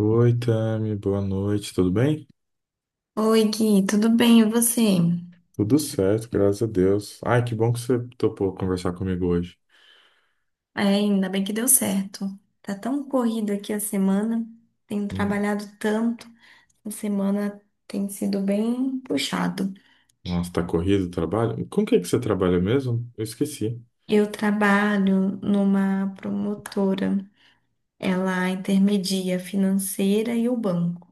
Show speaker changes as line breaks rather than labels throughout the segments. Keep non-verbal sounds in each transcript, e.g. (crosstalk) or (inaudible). Oi, Tami, boa noite, tudo bem?
Oi, Gui, tudo bem? E você?
Tudo certo, graças a Deus. Ai, que bom que você topou conversar comigo hoje.
É, ainda bem que deu certo. Tá tão corrido aqui a semana, tenho
Hum.
trabalhado tanto, a semana tem sido bem puxado.
Nossa, tá corrido o trabalho? Com o que você trabalha mesmo? Eu esqueci.
Eu trabalho numa promotora, ela intermedia financeira e o banco.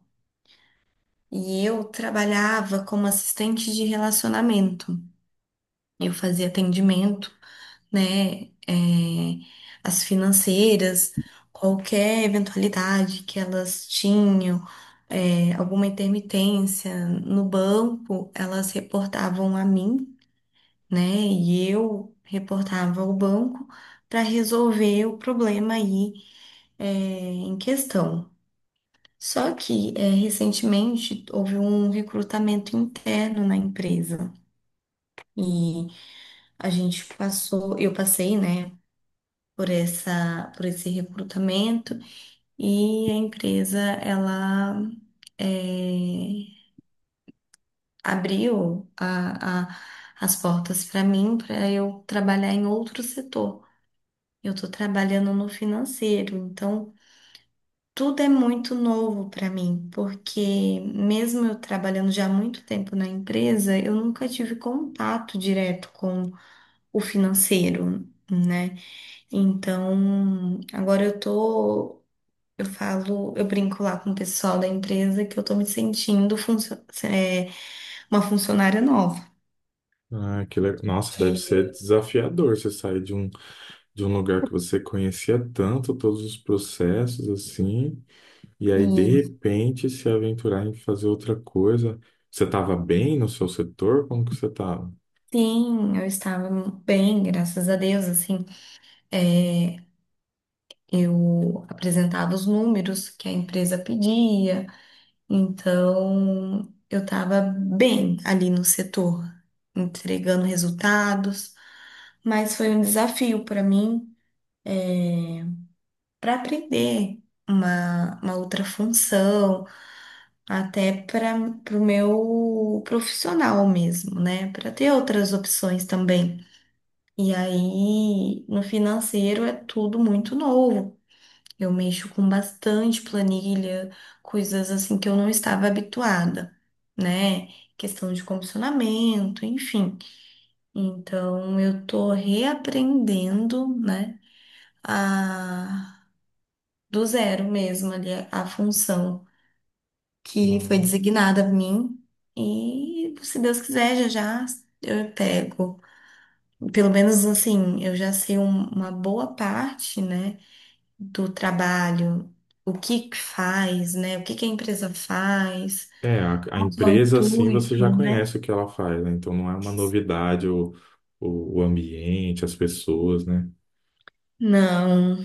E eu trabalhava como assistente de relacionamento. Eu fazia atendimento né, as financeiras, qualquer eventualidade que elas tinham, alguma intermitência no banco, elas reportavam a mim, né, e eu reportava ao banco para resolver o problema aí, em questão. Só que, recentemente houve um recrutamento interno na empresa. E eu passei, né? Por esse recrutamento e a empresa ela eh, abriu a- a- as portas para mim para eu trabalhar em outro setor. Eu estou trabalhando no financeiro, então tudo é muito novo para mim, porque mesmo eu trabalhando já há muito tempo na empresa, eu nunca tive contato direto com o financeiro, né? Então, agora eu tô. Eu falo, eu brinco lá com o pessoal da empresa que eu tô me sentindo uma funcionária nova.
Ah, que legal. Nossa, deve
Que,
ser desafiador você sair de um lugar que você conhecia tanto, todos os processos, assim, e aí, de
e
repente, se aventurar em fazer outra coisa. Você estava bem no seu setor? Como que você estava?
sim, eu estava bem, graças a Deus, assim, é, eu apresentava os números que a empresa pedia, então eu estava bem ali no setor, entregando resultados, mas foi um desafio para mim para aprender uma outra função, até para o meu profissional mesmo, né? Para ter outras opções também. E aí, no financeiro é tudo muito novo. Eu mexo com bastante planilha, coisas assim que eu não estava habituada, né? Questão de comissionamento, enfim. Então, eu tô reaprendendo, né? Do zero mesmo ali a, função que foi designada a mim. E se Deus quiser, já já eu pego. Pelo menos assim, eu já sei uma boa parte, né, do trabalho, o que que faz, né, o que que a empresa faz,
É, a
qual que é o
empresa, assim, você já
intuito, né?
conhece o que ela faz, né? Então não é uma novidade o ambiente, as pessoas, né?
Não,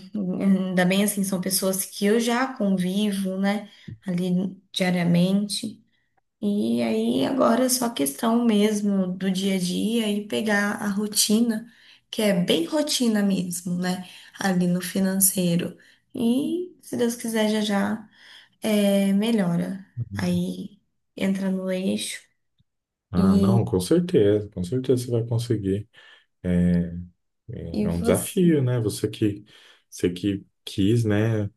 ainda bem assim, são pessoas que eu já convivo, né, ali diariamente. E aí agora é só questão mesmo do dia a dia e pegar a rotina, que é bem rotina mesmo, né? Ali no financeiro. E se Deus quiser, já já melhora. Aí entra no eixo
Ah,
e,
não, com certeza você vai conseguir. É, é
e
um
você.
desafio, né? Você que quis, né,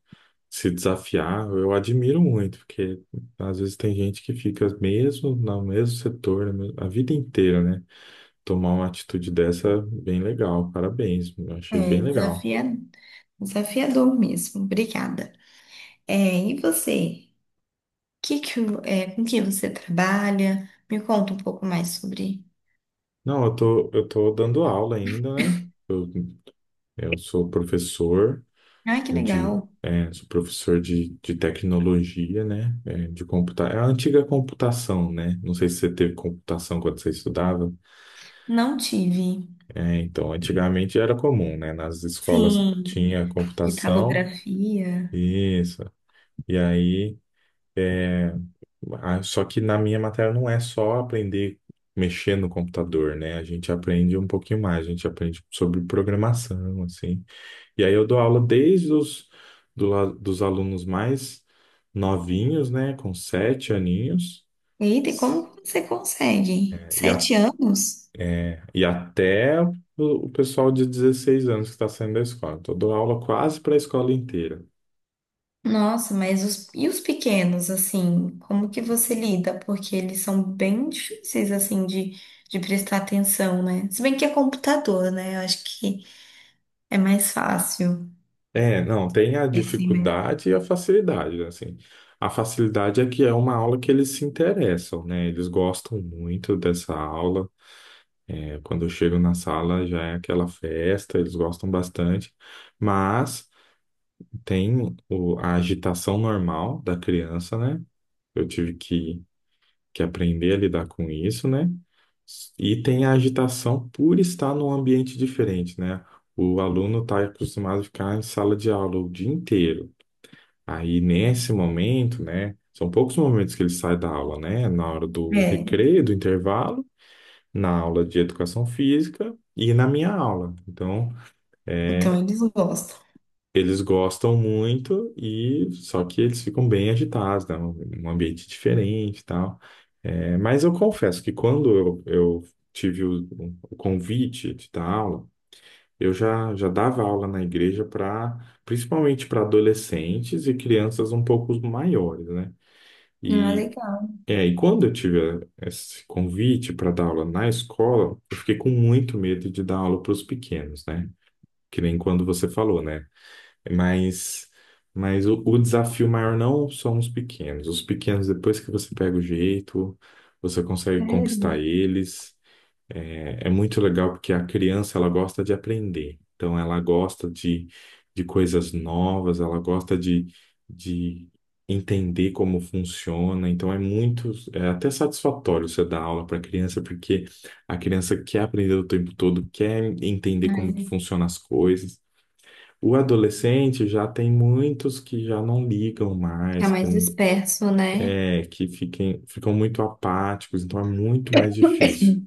se desafiar, eu admiro muito, porque às vezes tem gente que fica mesmo no mesmo setor a vida inteira, né? Tomar uma atitude dessa, é bem legal, parabéns, eu achei bem
É
legal.
desafia, desafiador mesmo. Obrigada. É, e você? Com que você trabalha? Me conta um pouco mais sobre.
Não, eu tô dando aula ainda, né? Eu, eu sou professor
Ai, que legal.
sou professor de tecnologia, né? É, de computa... É a antiga computação, né? Não sei se você teve computação quando você estudava.
Não tive.
É, então, antigamente era comum, né? Nas escolas
Sim,
tinha computação,
italografia.
isso. E aí, é, só que na minha matéria não é só aprender mexer no computador, né? A gente aprende um pouquinho mais, a gente aprende sobre programação, assim. E aí eu dou aula desde dos alunos mais novinhos, né, com 7 aninhos,
Eita, e como você consegue?
e, a-
Sete anos?
e até o pessoal de 16 anos que está saindo da escola. Então, eu dou aula quase para a escola inteira.
Nossa, e os pequenos, assim, como que você lida? Porque eles são bem difíceis, assim, de prestar atenção, né? Se bem que é computador, né? Eu acho que é mais fácil.
É, não, tem a
Eles têm mais...
dificuldade e a facilidade, né, assim. A facilidade é que é uma aula que eles se interessam, né? Eles gostam muito dessa aula. É, quando eu chego na sala já é aquela festa, eles gostam bastante. Mas tem a agitação normal da criança, né? Eu tive que, que aprender a lidar com isso, né? E tem a agitação por estar num ambiente diferente, né? O aluno está acostumado a ficar em sala de aula o dia inteiro. Aí, nesse momento, né? São poucos momentos que ele sai da aula, né? Na hora do
É,
recreio, do intervalo, na aula de educação física e na minha aula. É,
então eles gostam.
Eles gostam muito e só que eles ficam bem agitados, né? Um ambiente diferente e tal. É, mas eu confesso que eu tive o convite de dar aula, já dava aula na igreja para, principalmente para adolescentes e crianças um pouco maiores, né?
Ah,
E,
legal,
e quando eu tive esse convite para dar aula na escola, eu fiquei com muito medo de dar aula para os pequenos, né? Que nem quando você falou, né? Mas, mas o desafio maior não são os pequenos. Os pequenos, depois que você pega o jeito, você consegue
sério.
conquistar eles. É muito legal porque a criança, ela gosta de aprender. Então, de coisas novas, ela gosta de entender como funciona. Então, é muito, é até satisfatório você dar aula para a criança, porque a criança quer aprender o tempo todo, quer entender como que
É,
funcionam as coisas. O adolescente já tem muitos que já não ligam
fica
mais, que
mais disperso, né?
é, que fiquem, ficam muito apáticos, então é muito mais difícil.
(coughs)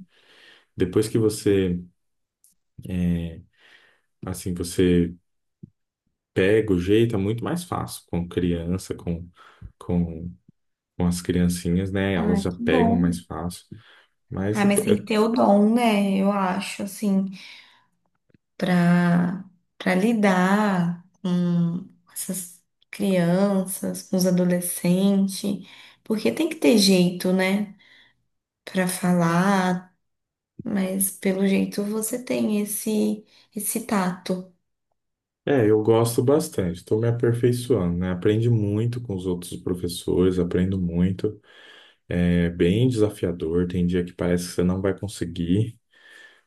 Depois que você, assim, você pega o jeito, é muito mais fácil com criança, com, com as criancinhas, né? Elas
Ai,
já
que
pegam
bom.
mais fácil. Mas
Ah,
é,
mas tem que ter o dom, né? Eu acho, assim, pra, pra lidar com essas crianças, com os adolescentes, porque tem que ter jeito, né? Pra falar, mas pelo jeito você tem esse tato.
eu gosto bastante, estou me aperfeiçoando, né? Aprendi muito com os outros professores, aprendo muito. É bem desafiador, tem dia que parece que você não vai conseguir.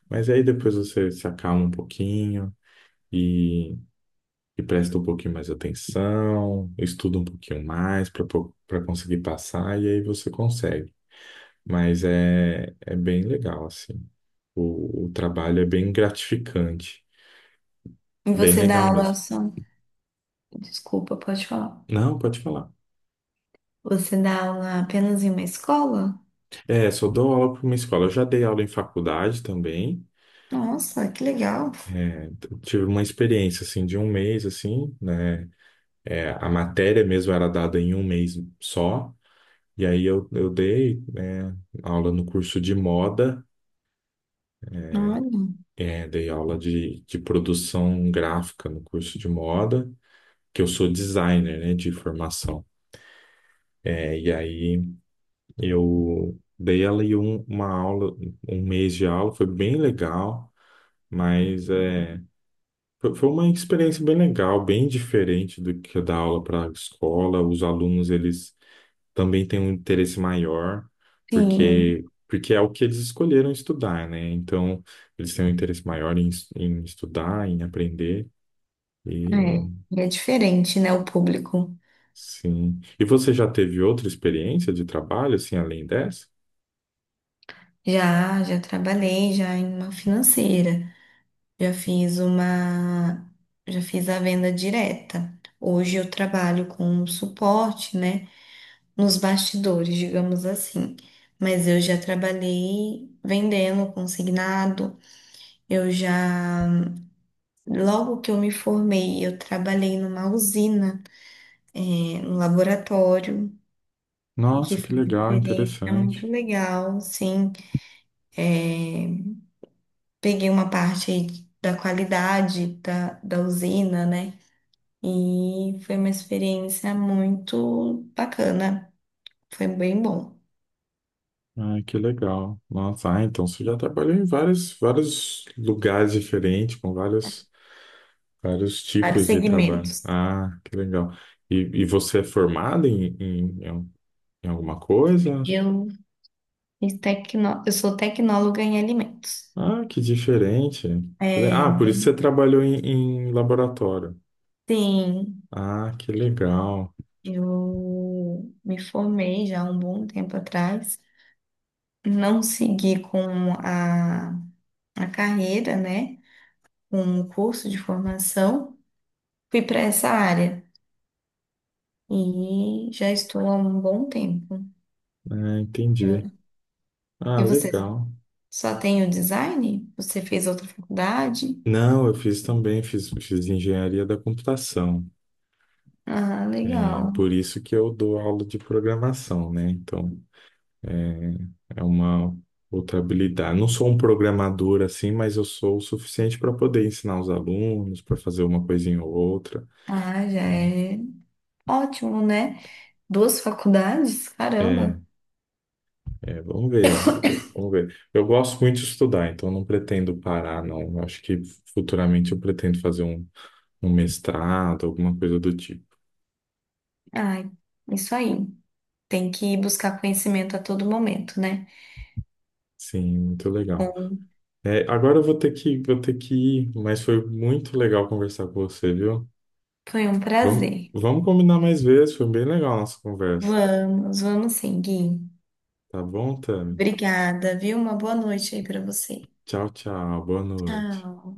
Mas aí depois você se acalma um pouquinho e, e presta um pouquinho mais atenção, estuda um pouquinho mais para conseguir passar e aí você consegue. É bem legal, assim. O trabalho é bem gratificante,
E
bem
você dá
legal
aula
mesmo.
só. Desculpa, pode falar.
Não, pode falar.
Você dá aula apenas em uma escola?
É, só dou aula para uma escola. Eu já dei aula em faculdade também.
Nossa, que legal.
É, tive uma experiência assim de um mês assim, né? É, a matéria mesmo era dada em um mês só. E aí eu dei, né, aula no curso de moda,
Olha.
dei aula de produção gráfica no curso de moda, que eu sou designer, né, de formação. É, e aí eu dei uma aula, um mês de aula, foi bem legal, mas é, foi uma experiência bem legal, bem diferente do que dar aula para a escola. Os alunos, eles também tem um interesse maior,
Sim,
porque é o que eles escolheram estudar, né? Então, eles têm um interesse maior em estudar, em aprender, e
é. E é diferente, né? O público.
sim. E você já teve outra experiência de trabalho, assim, além dessa?
Já, já trabalhei já em uma financeira. Já fiz uma, já fiz a venda direta. Hoje eu trabalho com suporte, né, nos bastidores, digamos assim. Mas eu já trabalhei vendendo consignado. Eu já, logo que eu me formei, eu trabalhei numa usina, né, no laboratório, que
Nossa, que
foi uma
legal,
experiência muito
interessante.
legal, sim. Peguei uma parte aí da usina, né? E foi uma experiência muito bacana, foi bem bom.
Ai, que legal. Nossa, ah, então você já trabalhou em vários, vários lugares diferentes, com vários, vários
Vários
tipos de trabalho.
segmentos.
Ah, que legal. E, e você é formada em alguma coisa?
Eu, eu sou tecnóloga em alimentos.
Ah, que diferente.
É,
Ah, por isso
bem,
você trabalhou em, em laboratório.
sim,
Ah, que legal.
eu me formei já há um bom tempo atrás. Não segui com a carreira, né? Um curso de formação. Fui para essa área. E já estou há um bom tempo.
É,
Eu-
entendi. Ah,
E você
legal.
só tem o design? Você fez outra faculdade?
Não, eu fiz também, fiz, fiz engenharia da computação.
Ah,
É
legal.
por isso que eu dou aula de programação, né? É é uma outra habilidade. Não sou um programador assim, mas eu sou o suficiente para poder ensinar os alunos, para fazer uma coisinha ou outra.
Ah, já é ótimo, né? Duas faculdades?
É,
Caramba.
vamos ver, vamos ver, vamos ver. Eu gosto muito de estudar, então eu não pretendo parar, não. Eu acho que futuramente eu pretendo fazer um mestrado, alguma coisa do tipo.
Ai, isso aí. Tem que buscar conhecimento a todo momento, né?
Sim, muito legal.
Bom,
É, agora eu vou ter que ir, mas foi muito legal conversar com você, viu?
foi um
Vamos,
prazer.
vamos combinar mais vezes, foi bem legal a nossa conversa.
Vamos, vamos sim, Gui.
Tá bom, Tami?
Obrigada, viu? Uma boa noite aí para você.
Tchau, tchau, boa noite.
Tchau.